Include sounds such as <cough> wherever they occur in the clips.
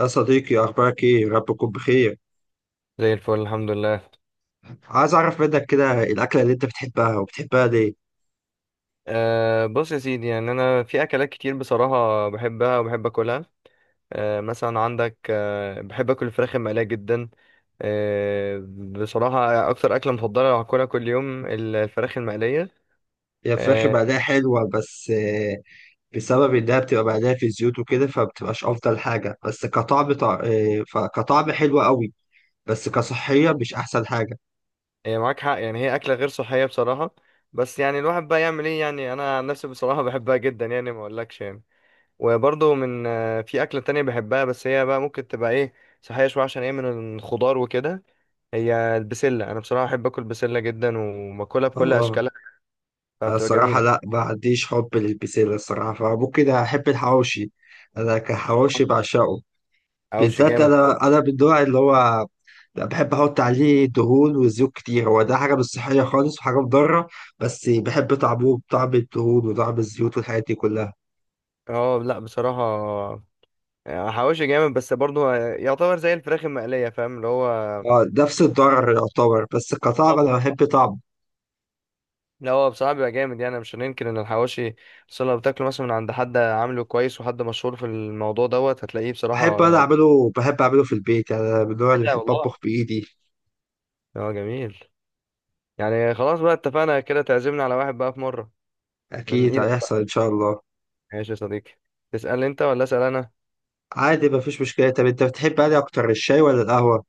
يا صديقي، أخبارك إيه؟ رب يكون بخير. زي الفل، الحمد لله. عايز أعرف منك كده، الأكلة اللي أنت بتحبها وبتحبها ليه؟ بص يا سيدي، يعني انا في اكلات كتير بصراحه بحبها وبحب اكلها. مثلا عندك، بحب اكل الفراخ المقليه جدا. بصراحه اكتر اكله مفضله لو هاكلها كل يوم الفراخ المقليه. هي الفراخ أه. بعدها حلوة بس بسبب إنها بتبقى بعدها في زيوت وكده، فبتبقاش أفضل حاجة. بس كطعم طع... آه، فكطعم حلو قوي، بس كصحية مش أحسن حاجة. هي معاك حق، يعني هي اكله غير صحيه بصراحه. بس يعني الواحد بقى يعمل ايه؟ يعني انا عن نفسي بصراحه بحبها جدا، يعني ما اقولكش يعني. وبرضه من أه في اكله تانية بحبها، بس هي بقى ممكن تبقى ايه، صحيه شويه عشان هي من الخضار وكده. هي البسلة. أنا بصراحة بحب آكل بسلة جدا وباكلها بكل آه. أشكالها. أنا فبتبقى الصراحة جميلة. لأ، ما عنديش حب للبسلة الصراحة، فممكن أحب الحواوشي. أنا كحواوشي بعشقه، حواوشي بالذات جامد. طب. أنا من النوع اللي هو لا، بحب احط عليه دهون وزيوت كتير. هو ده حاجه مش صحيه خالص وحاجه مضره، بس بحب طعمه، بطعم الدهون وطعم الزيوت والحاجات دي كلها. اه، لا بصراحة. حواوشي جامد، بس برضه يعتبر زي الفراخ المقلية، فاهم اللي هو. اه، نفس الضرر يعتبر، بس كطعم طب. انا بحب طعمه. لا، هو بصراحة بيبقى جامد، يعني مش هننكر إن الحواوشي. بس لو بتاكله مثلا من عند حد عامله كويس، وحد مشهور في الموضوع دوت، هتلاقيه بحب بصراحة انا جامد. اعمله، بحب اعمله في البيت. يعني انا من النوع اللي لا بحب والله. اطبخ بايدي. اه، جميل. يعني خلاص بقى، اتفقنا كده تعزمنا على واحد بقى في مرة. من اكيد إيدك. هيحصل ان شاء الله. ماشي يا صديقي. تسأل أنت ولا أسأل أنا؟ عادي، مفيش مشكله. طب انت بتحب انهي اكتر، الشاي ولا القهوه؟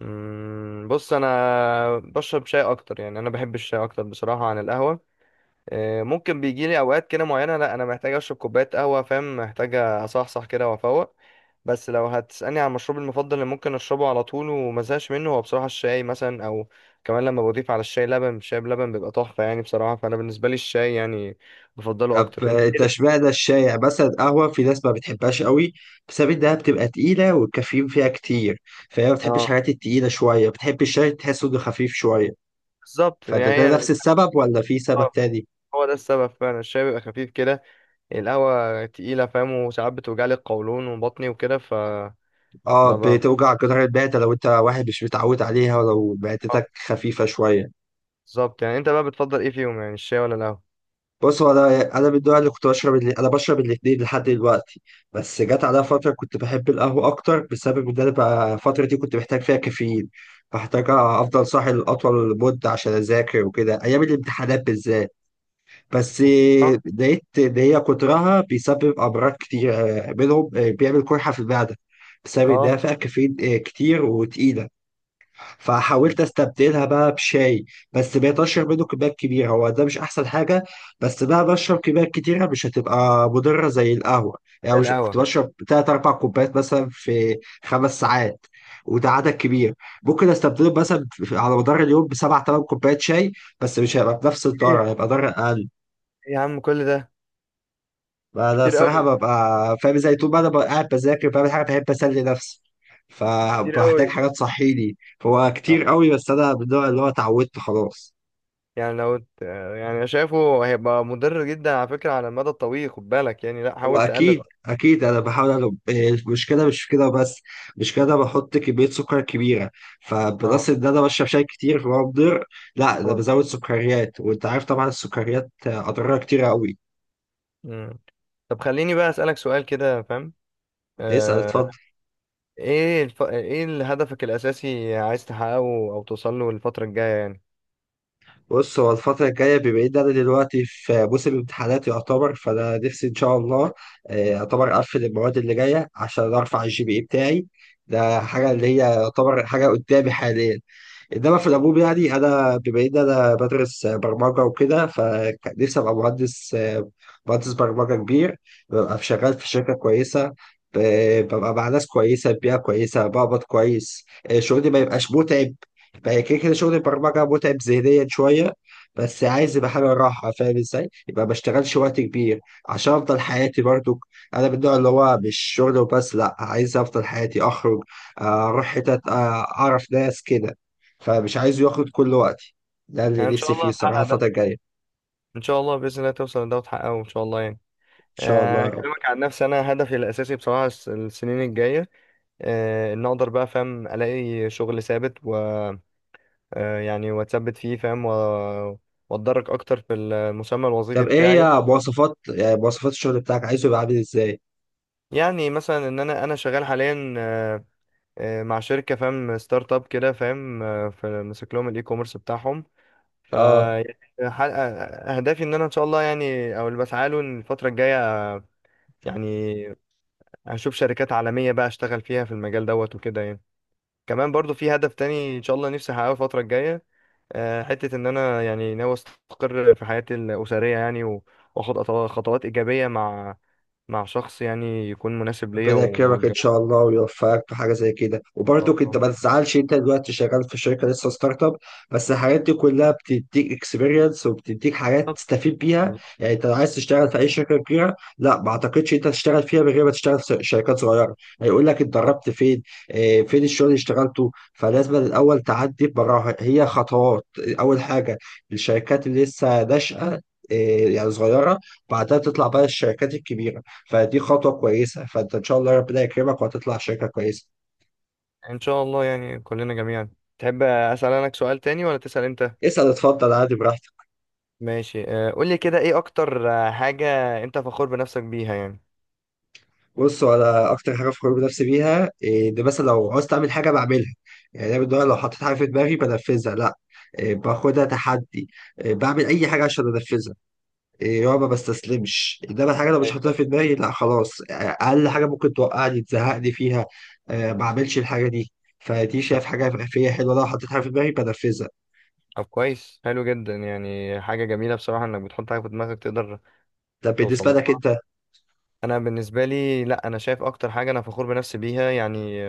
بص انا بشرب شاي اكتر، يعني انا بحب الشاي اكتر بصراحه عن القهوه. ممكن بيجي لي اوقات كده معينه، لا، انا محتاج اشرب كوبايه قهوه فاهم، محتاج اصحصح كده وافوق. بس لو هتسالني عن مشروبي المفضل اللي ممكن اشربه على طول ومزهقش منه، هو بصراحه الشاي مثلا، او كمان لما بضيف على الشاي لبن، الشاي بلبن بيبقى تحفه يعني بصراحه، فانا بالنسبه لي الشاي يعني بفضله طب اكتر. انت ايه اللي التشبيه بتفضله ده أكتر؟ الشائع، مثلا القهوة في ناس ما بتحبهاش قوي بسبب إنها بتبقى تقيلة والكافيين فيها كتير، فهي ما بتحبش اه، الحاجات التقيلة شوية، بتحب الشاي تحسه إنه خفيف شوية. بالظبط يعني فده هي. نفس السبب ولا في سبب آه، تاني؟ هو ده السبب فعلا، الشاي بيبقى خفيف كده. القهوة تقيلة فاهم، وساعات بتوجعلي القولون وبطني وكده، فما. آه، ب... بتوجع جدار المعدة لو أنت واحد مش متعود عليها ولو آه، معدتك خفيفة شوية. بالظبط. يعني انت بقى بتفضل ايه فيهم؟ يعني الشاي ولا القهوة؟ بص، هو انا من النوع اللي كنت بشرب، اللي انا بشرب الاثنين لحد دلوقتي. بس جت عليا فتره كنت بحب القهوه اكتر بسبب ان انا بقى الفتره دي كنت محتاج فيها كافيين، فاحتاج افضل صاحي لاطول مده عشان اذاكر وكده، ايام الامتحانات بالذات. بس اه. لقيت ان هي كترها بيسبب امراض كتير، منهم بيعمل قرحه في المعده بسبب انها آه، فيها كافيين كتير وتقيله. فحاولت استبدلها بقى بشاي، بس بقيت اشرب منه كميات كبيره، هو ده مش احسن حاجه. بس بقى بشرب كميات كتيره مش هتبقى مضره زي القهوه. يعني مش كنت القهوة. بشرب 3 4 كوبايات مثلا في 5 ساعات، وده عدد كبير. ممكن استبدله مثلا على مدار اليوم بسبع تمن كوبايات شاي، بس مش هيبقى بنفس ايه الضرر، هيبقى ضرر اقل. يا عم، كل ده. انا كتير الصراحه قوي. ببقى فاهم ازاي، طول ما انا ببقى قاعد بذاكر بعمل حاجه بحب اسلي نفسي، كتير فبحتاج قوي. حاجه تصحيني. هو آه، كتير قوي، بس انا من النوع اللي هو اتعودت خلاص. يعني لو ت- آه، يعني أنا شايفه هيبقى مضر جدا على فكرة، على المدى الطويل خد بالك يعني، لا، هو حاول اكيد تقلل. اكيد، انا بحاول. أنا المشكله مش في كده بس، مش كده، بحط كميه سكر كبيره، اه. فبلس ان انا بشرب شاي كتير فهو مضر. لا، ده خلاص. بزود سكريات، وانت عارف طبعا السكريات اضرارها كتير قوي. مم. طب خليني بقى أسألك سؤال كده فاهم. اسال، اتفضل. آه. ايه هدفك الأساسي عايز تحققه، او توصل له الفترة الجاية يعني؟ بص، هو الفترة الجاية، بما إن أنا دلوقتي في موسم امتحانات يعتبر، فأنا نفسي إن شاء الله يعتبر أقفل المواد اللي جاية عشان أرفع الـGPA بتاعي. ده حاجة اللي هي يعتبر حاجة قدامي حاليا. انما في العموم، يعني انا بما ان انا بدرس برمجه وكده، فنفسي ابقى مهندس برمجه كبير، ببقى شغال في شركه كويسه، ببقى مع ناس كويسه، بيئه كويسه، بقبض كويس، شغلي ما يبقاش متعب. بقى كده كده شغل البرمجه متعب ذهنيا شويه، بس عايز يبقى حاجه راحه فاهم ازاي؟ يبقى ما اشتغلش وقت كبير عشان افضل حياتي برضو. انا من النوع اللي هو مش شغل وبس، لا، عايز افضل حياتي اخرج، اروح حتت، اعرف ناس كده. فمش عايز ياخد كل وقتي. ده اللي يعني ان شاء نفسي فيه الله الصراحة الفترة هتحقق. الجاية. إن ان شاء الله باذن الله توصل لده وتحققه ان شاء الله يعني. شاء الله يا رب. اكلمك عن نفسي، انا هدفي الاساسي بصراحه السنين الجايه، ان اقدر بقى فاهم الاقي شغل ثابت، و يعني واتثبت فيه فاهم، واتدرج اكتر في المسمى الوظيفي طب إيه بتاعي. هي مواصفات الشغل بتاعك عايزه يبقى عامل إزاي؟ يعني مثلا ان انا شغال حاليا، مع شركه فاهم ستارت اب كده فاهم، ماسك لهم الاي كوميرس بتاعهم. ف آه، يعني، ح- اهدافي ان انا ان شاء الله يعني، او اللي بسعى له إن الفتره الجايه يعني، هشوف شركات عالمية بقى اشتغل فيها في المجال دوت وكده يعني. كمان برضو في هدف تاني ان شاء الله نفسي احققه الفترة الجاية، حتة ان انا يعني ناوي استقر في حياتي الأسرية، يعني واخد خطوات إيجابية مع شخص يعني يكون مناسب ليا ربنا يكرمك ان واتجوز. شاء الله ويوفقك في حاجه زي كده. ان شاء وبرضك انت الله. ما تزعلش انت دلوقتي شغال في شركه لسه ستارت اب، بس الحاجات دي كلها بتديك اكسبيرينس وبتديك حاجات بالظبط، تستفيد بيها. يعني انت لو عايز تشتغل في اي شركه كبيره، لا، ما اعتقدش انت تشتغل فيها من غير ما تشتغل في شركات صغيره. هيقول لك بالظبط. اتدربت فين، اه، فين الشغل اللي اشتغلته. فلازم الاول تعدي براها، هي خطوات. اول حاجه الشركات اللي لسه ناشئه، اه، يعني صغيره، بعدها تطلع بقى الشركات الكبيره. فدي خطوة كويسة، فانت ان شاء الله ربنا يكرمك وهتطلع شركة كويسة. ان شاء الله يعني كلنا جميعا. تحب اسال انا سؤال تاني ولا تسال انت؟ اسأل، اتفضل، عادي، براحتك. ماشي. قول لي كده ايه اكتر حاجة انت فخور بنفسك بيها يعني؟ بص، انا اكتر حاجة فخور بنفسي بيها ان مثلا لو عاوز اعمل حاجة بعملها. يعني انا بالنهار لو حطيت حاجة في دماغي بنفذها، لا، باخدها تحدي، بعمل اي حاجة عشان انفذها، يا ما بستسلمش. انما الحاجة لو مش حاططها ايوه. في دماغي لا، خلاص، اقل حاجة ممكن توقعني، تزهقني فيها، ما اعملش الحاجة دي. فدي أيوة. شايف حاجة فيا حلوة، لو حطيت حاجة في دماغي بنفذها. طب كويس، حلو جدا، يعني حاجة جميلة بصراحة انك بتحط حاجة في دماغك تقدر طب توصل بالنسبة لك لها. انت؟ انا بالنسبة لي، لا، انا شايف اكتر حاجة انا فخور بنفسي بيها يعني،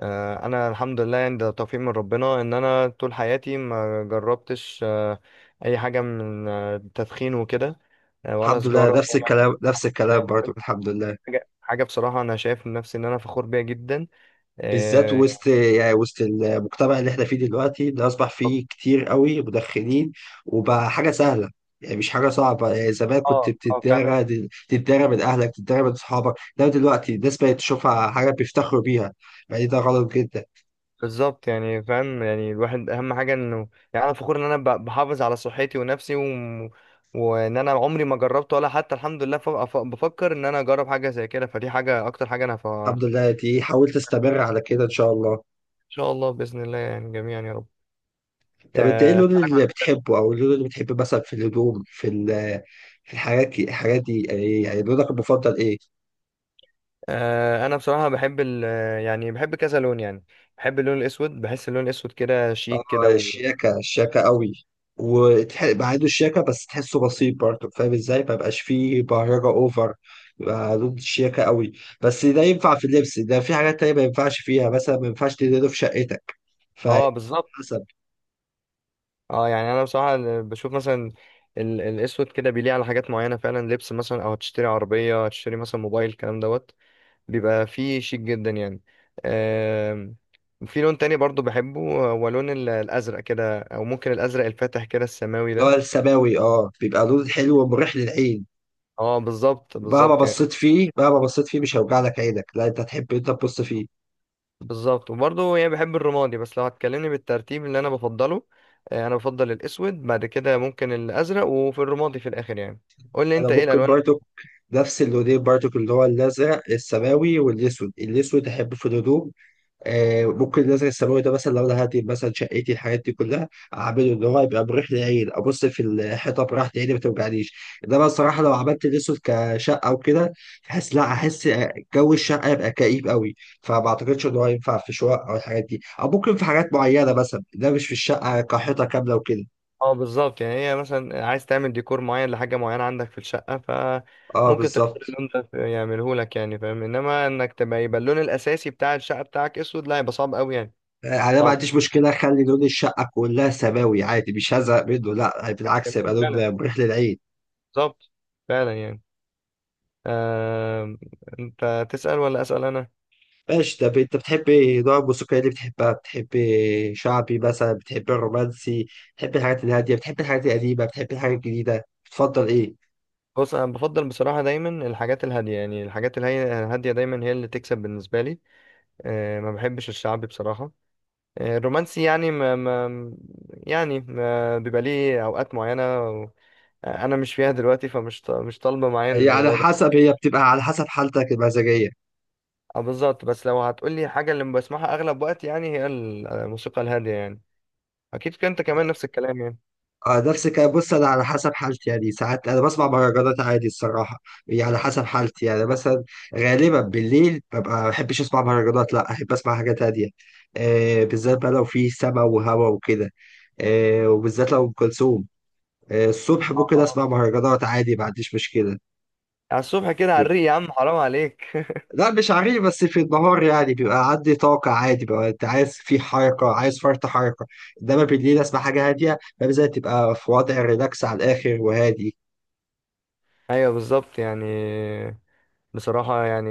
انا الحمد لله، يعني ده توفيق من ربنا ان انا طول حياتي ما جربتش، اي حاجة من التدخين وكده، ولا الحمد لله، سجارة، نفس ولا... الكلام، نفس <laughs> ده، الكلام برضه، الحمد لله. حاجة بصراحة انا شايف نفسي ان انا فخور بيها جدا. بالذات اه. وسط المجتمع اللي احنا فيه دلوقتي، اللي اصبح فيه كتير قوي مدخنين، وبقى حاجه سهله، يعني مش حاجه صعبه. يعني زمان كنت اه، فعلا. بتتدارى، تتدارى من اهلك، تتدارى من اصحابك، لا دلوقتي الناس بقت تشوفها حاجه بيفتخروا بيها. يعني ده غلط جدا. بالظبط يعني فاهم، يعني الواحد اهم حاجه انه يعني انا فخور ان انا بحافظ على صحتي ونفسي و... وان انا عمري ما جربت ولا حتى الحمد لله بفكر ان انا اجرب حاجه زي كده، فدي حاجه اكتر حاجه انا ف... ان الحمد لله دي، حاولت استمر على كده ان شاء الله. شاء الله باذن الله يعني، جميعا يا رب. طب انت ايه اللون اسالك عن اللي حاجة تانية. بتحبه، او اللون اللي بتحبه مثلا في الهدوم، في في الحاجات دي، يعني لونك المفضل ايه؟ انا بصراحه بحب ال... آه، يعني بحب كذا لون يعني. بحب اللون الاسود، بحس اللون الاسود كده شيك كده، و... الشياكة، الشياكة قوي، وبعيدوا الشياكة، بس تحسه بسيط برضه فاهم ازاي، مبقاش فيه بهرجة اوفر، يبقى ضد الشياكة قوي. بس ده ينفع في اللبس، ده في حاجات تانية ما ينفعش فيها. مثلا ما ينفعش تدهنه في شقتك فحسب. اه، بالظبط. اه، يعني انا بصراحه بشوف مثلا الاسود كده بيليق على حاجات معينه فعلا، لبس مثلا، او هتشتري عربيه، هتشتري مثلا موبايل، الكلام دوت، بيبقى فيه شيك جدا يعني. آم، في لون تاني برضو بحبه، هو لون الازرق كده، او ممكن الازرق الفاتح كده السماوي اللي هو ده. السماوي، اه، بيبقى لون حلو ومريح للعين. اه، بالظبط، مهما بالظبط يعني. بصيت فيه، مهما بصيت فيه، مش هيوجع لك عينك. لا، انت تحب انت تبص فيه. بالظبط. وبرضو يعني بحب الرمادي، بس لو هتكلمني بالترتيب اللي انا بفضله، انا بفضل الاسود، بعد كده ممكن الازرق، وفي الرمادي في الاخر يعني. قول لي انا انت ايه ممكن الالوان؟ برضه نفس اللونين برضو، اللي هو الازرق السماوي والاسود. الاسود احبه في الهدوم، ممكن مثلا الثانوي ده، مثلا لو انا هدي مثلا شقتي الحاجات دي كلها، اعمله ان هو يبقى مريح للعين، ابص في الحيطه براحه عيني ما توجعنيش. انما الصراحه لو عملت الاسود كشقه وكده، بحس لا احس جو الشقه يبقى كئيب قوي. فما اعتقدش ان هو ينفع في شقق او الحاجات دي، او ممكن في حاجات معينه مثلا، ده مش في الشقه كحيطه كامله وكده. اه، بالظبط يعني، هي مثلا عايز تعمل ديكور معين لحاجة معينة عندك في الشقة اه، فممكن تختار بالظبط. اللون ده يعمله لك يعني فاهم، انما انك تبقى يبقى اللون الاساسي بتاع الشقة بتاعك اسود، لا يبقى صعب قوي يعني. يعني انا ما صعب. عنديش مشكله اخلي لون الشقه كلها سماوي عادي، مش هزهق منه لا، <laughs> بالعكس، يبقى جميل لون فعلا. مريح للعين. بالظبط. فعلا يعني. آه... انت تسأل ولا اسأل انا؟ ماشي. طب انت بتحبي نوع الموسيقى اللي بتحبها؟ بتحبي شعبي مثلا، بتحبي الرومانسي، بتحبي الحاجات الهادية، بتحبي الحاجات القديمة، بتحبي الحاجات الجديدة، بتفضل ايه؟ بص، انا بفضل بصراحة دايما الحاجات الهادية، يعني الحاجات الهادية دايما هي اللي تكسب بالنسبة لي. ما بحبش الشعبي بصراحة. الرومانسي يعني ما... ما... يعني ما بيبقى ليه اوقات معينة، انا مش فيها دلوقتي، فمش مش طالبه معايا الموضوع ده. هي بتبقى على حسب حالتك المزاجية. بالظبط، بس لو هتقولي حاجه اللي بسمعها اغلب وقت يعني، هي الموسيقى الهاديه يعني. اكيد كنت انت كمان نفس الكلام يعني؟ اه، نفس الكلام. بص، انا على حسب حالتي، يعني ساعات انا بسمع مهرجانات عادي الصراحة. هي على حسب حالتي، يعني مثلا غالبا بالليل ببقى ما بحبش اسمع مهرجانات، لا احب اسمع حاجات هادية، بالذات بقى لو في سما وهوا وكده، وبالذات لو ام كلثوم. الصبح اه. ممكن اه، اسمع مهرجانات عادي، ما عنديش مشكله. على الصبح كده على الريق بيبقى- يا عم، حرام عليك. لا، مش عارف. بس في النهار، يعني بيبقى عندي طاقه عادي بقى، انت عايز في حركه، عايز فرط حركه، انما بالليل اسمع حاجه هاديه، فبالذات تبقى في وضع ريلاكس على الاخر وهادي. ايوه، بالظبط يعني. بصراحه يعني،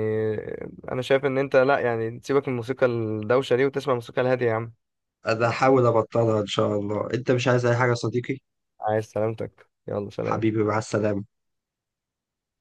انا شايف ان انت لا، يعني تسيبك من الموسيقى الدوشه دي وتسمع الموسيقى الهاديه يا عم. انا هحاول ابطلها ان شاء الله. انت مش عايز اي حاجه يا صديقي؟ عايز سلامتك، يلا سلام. حبيبي مع السلامه.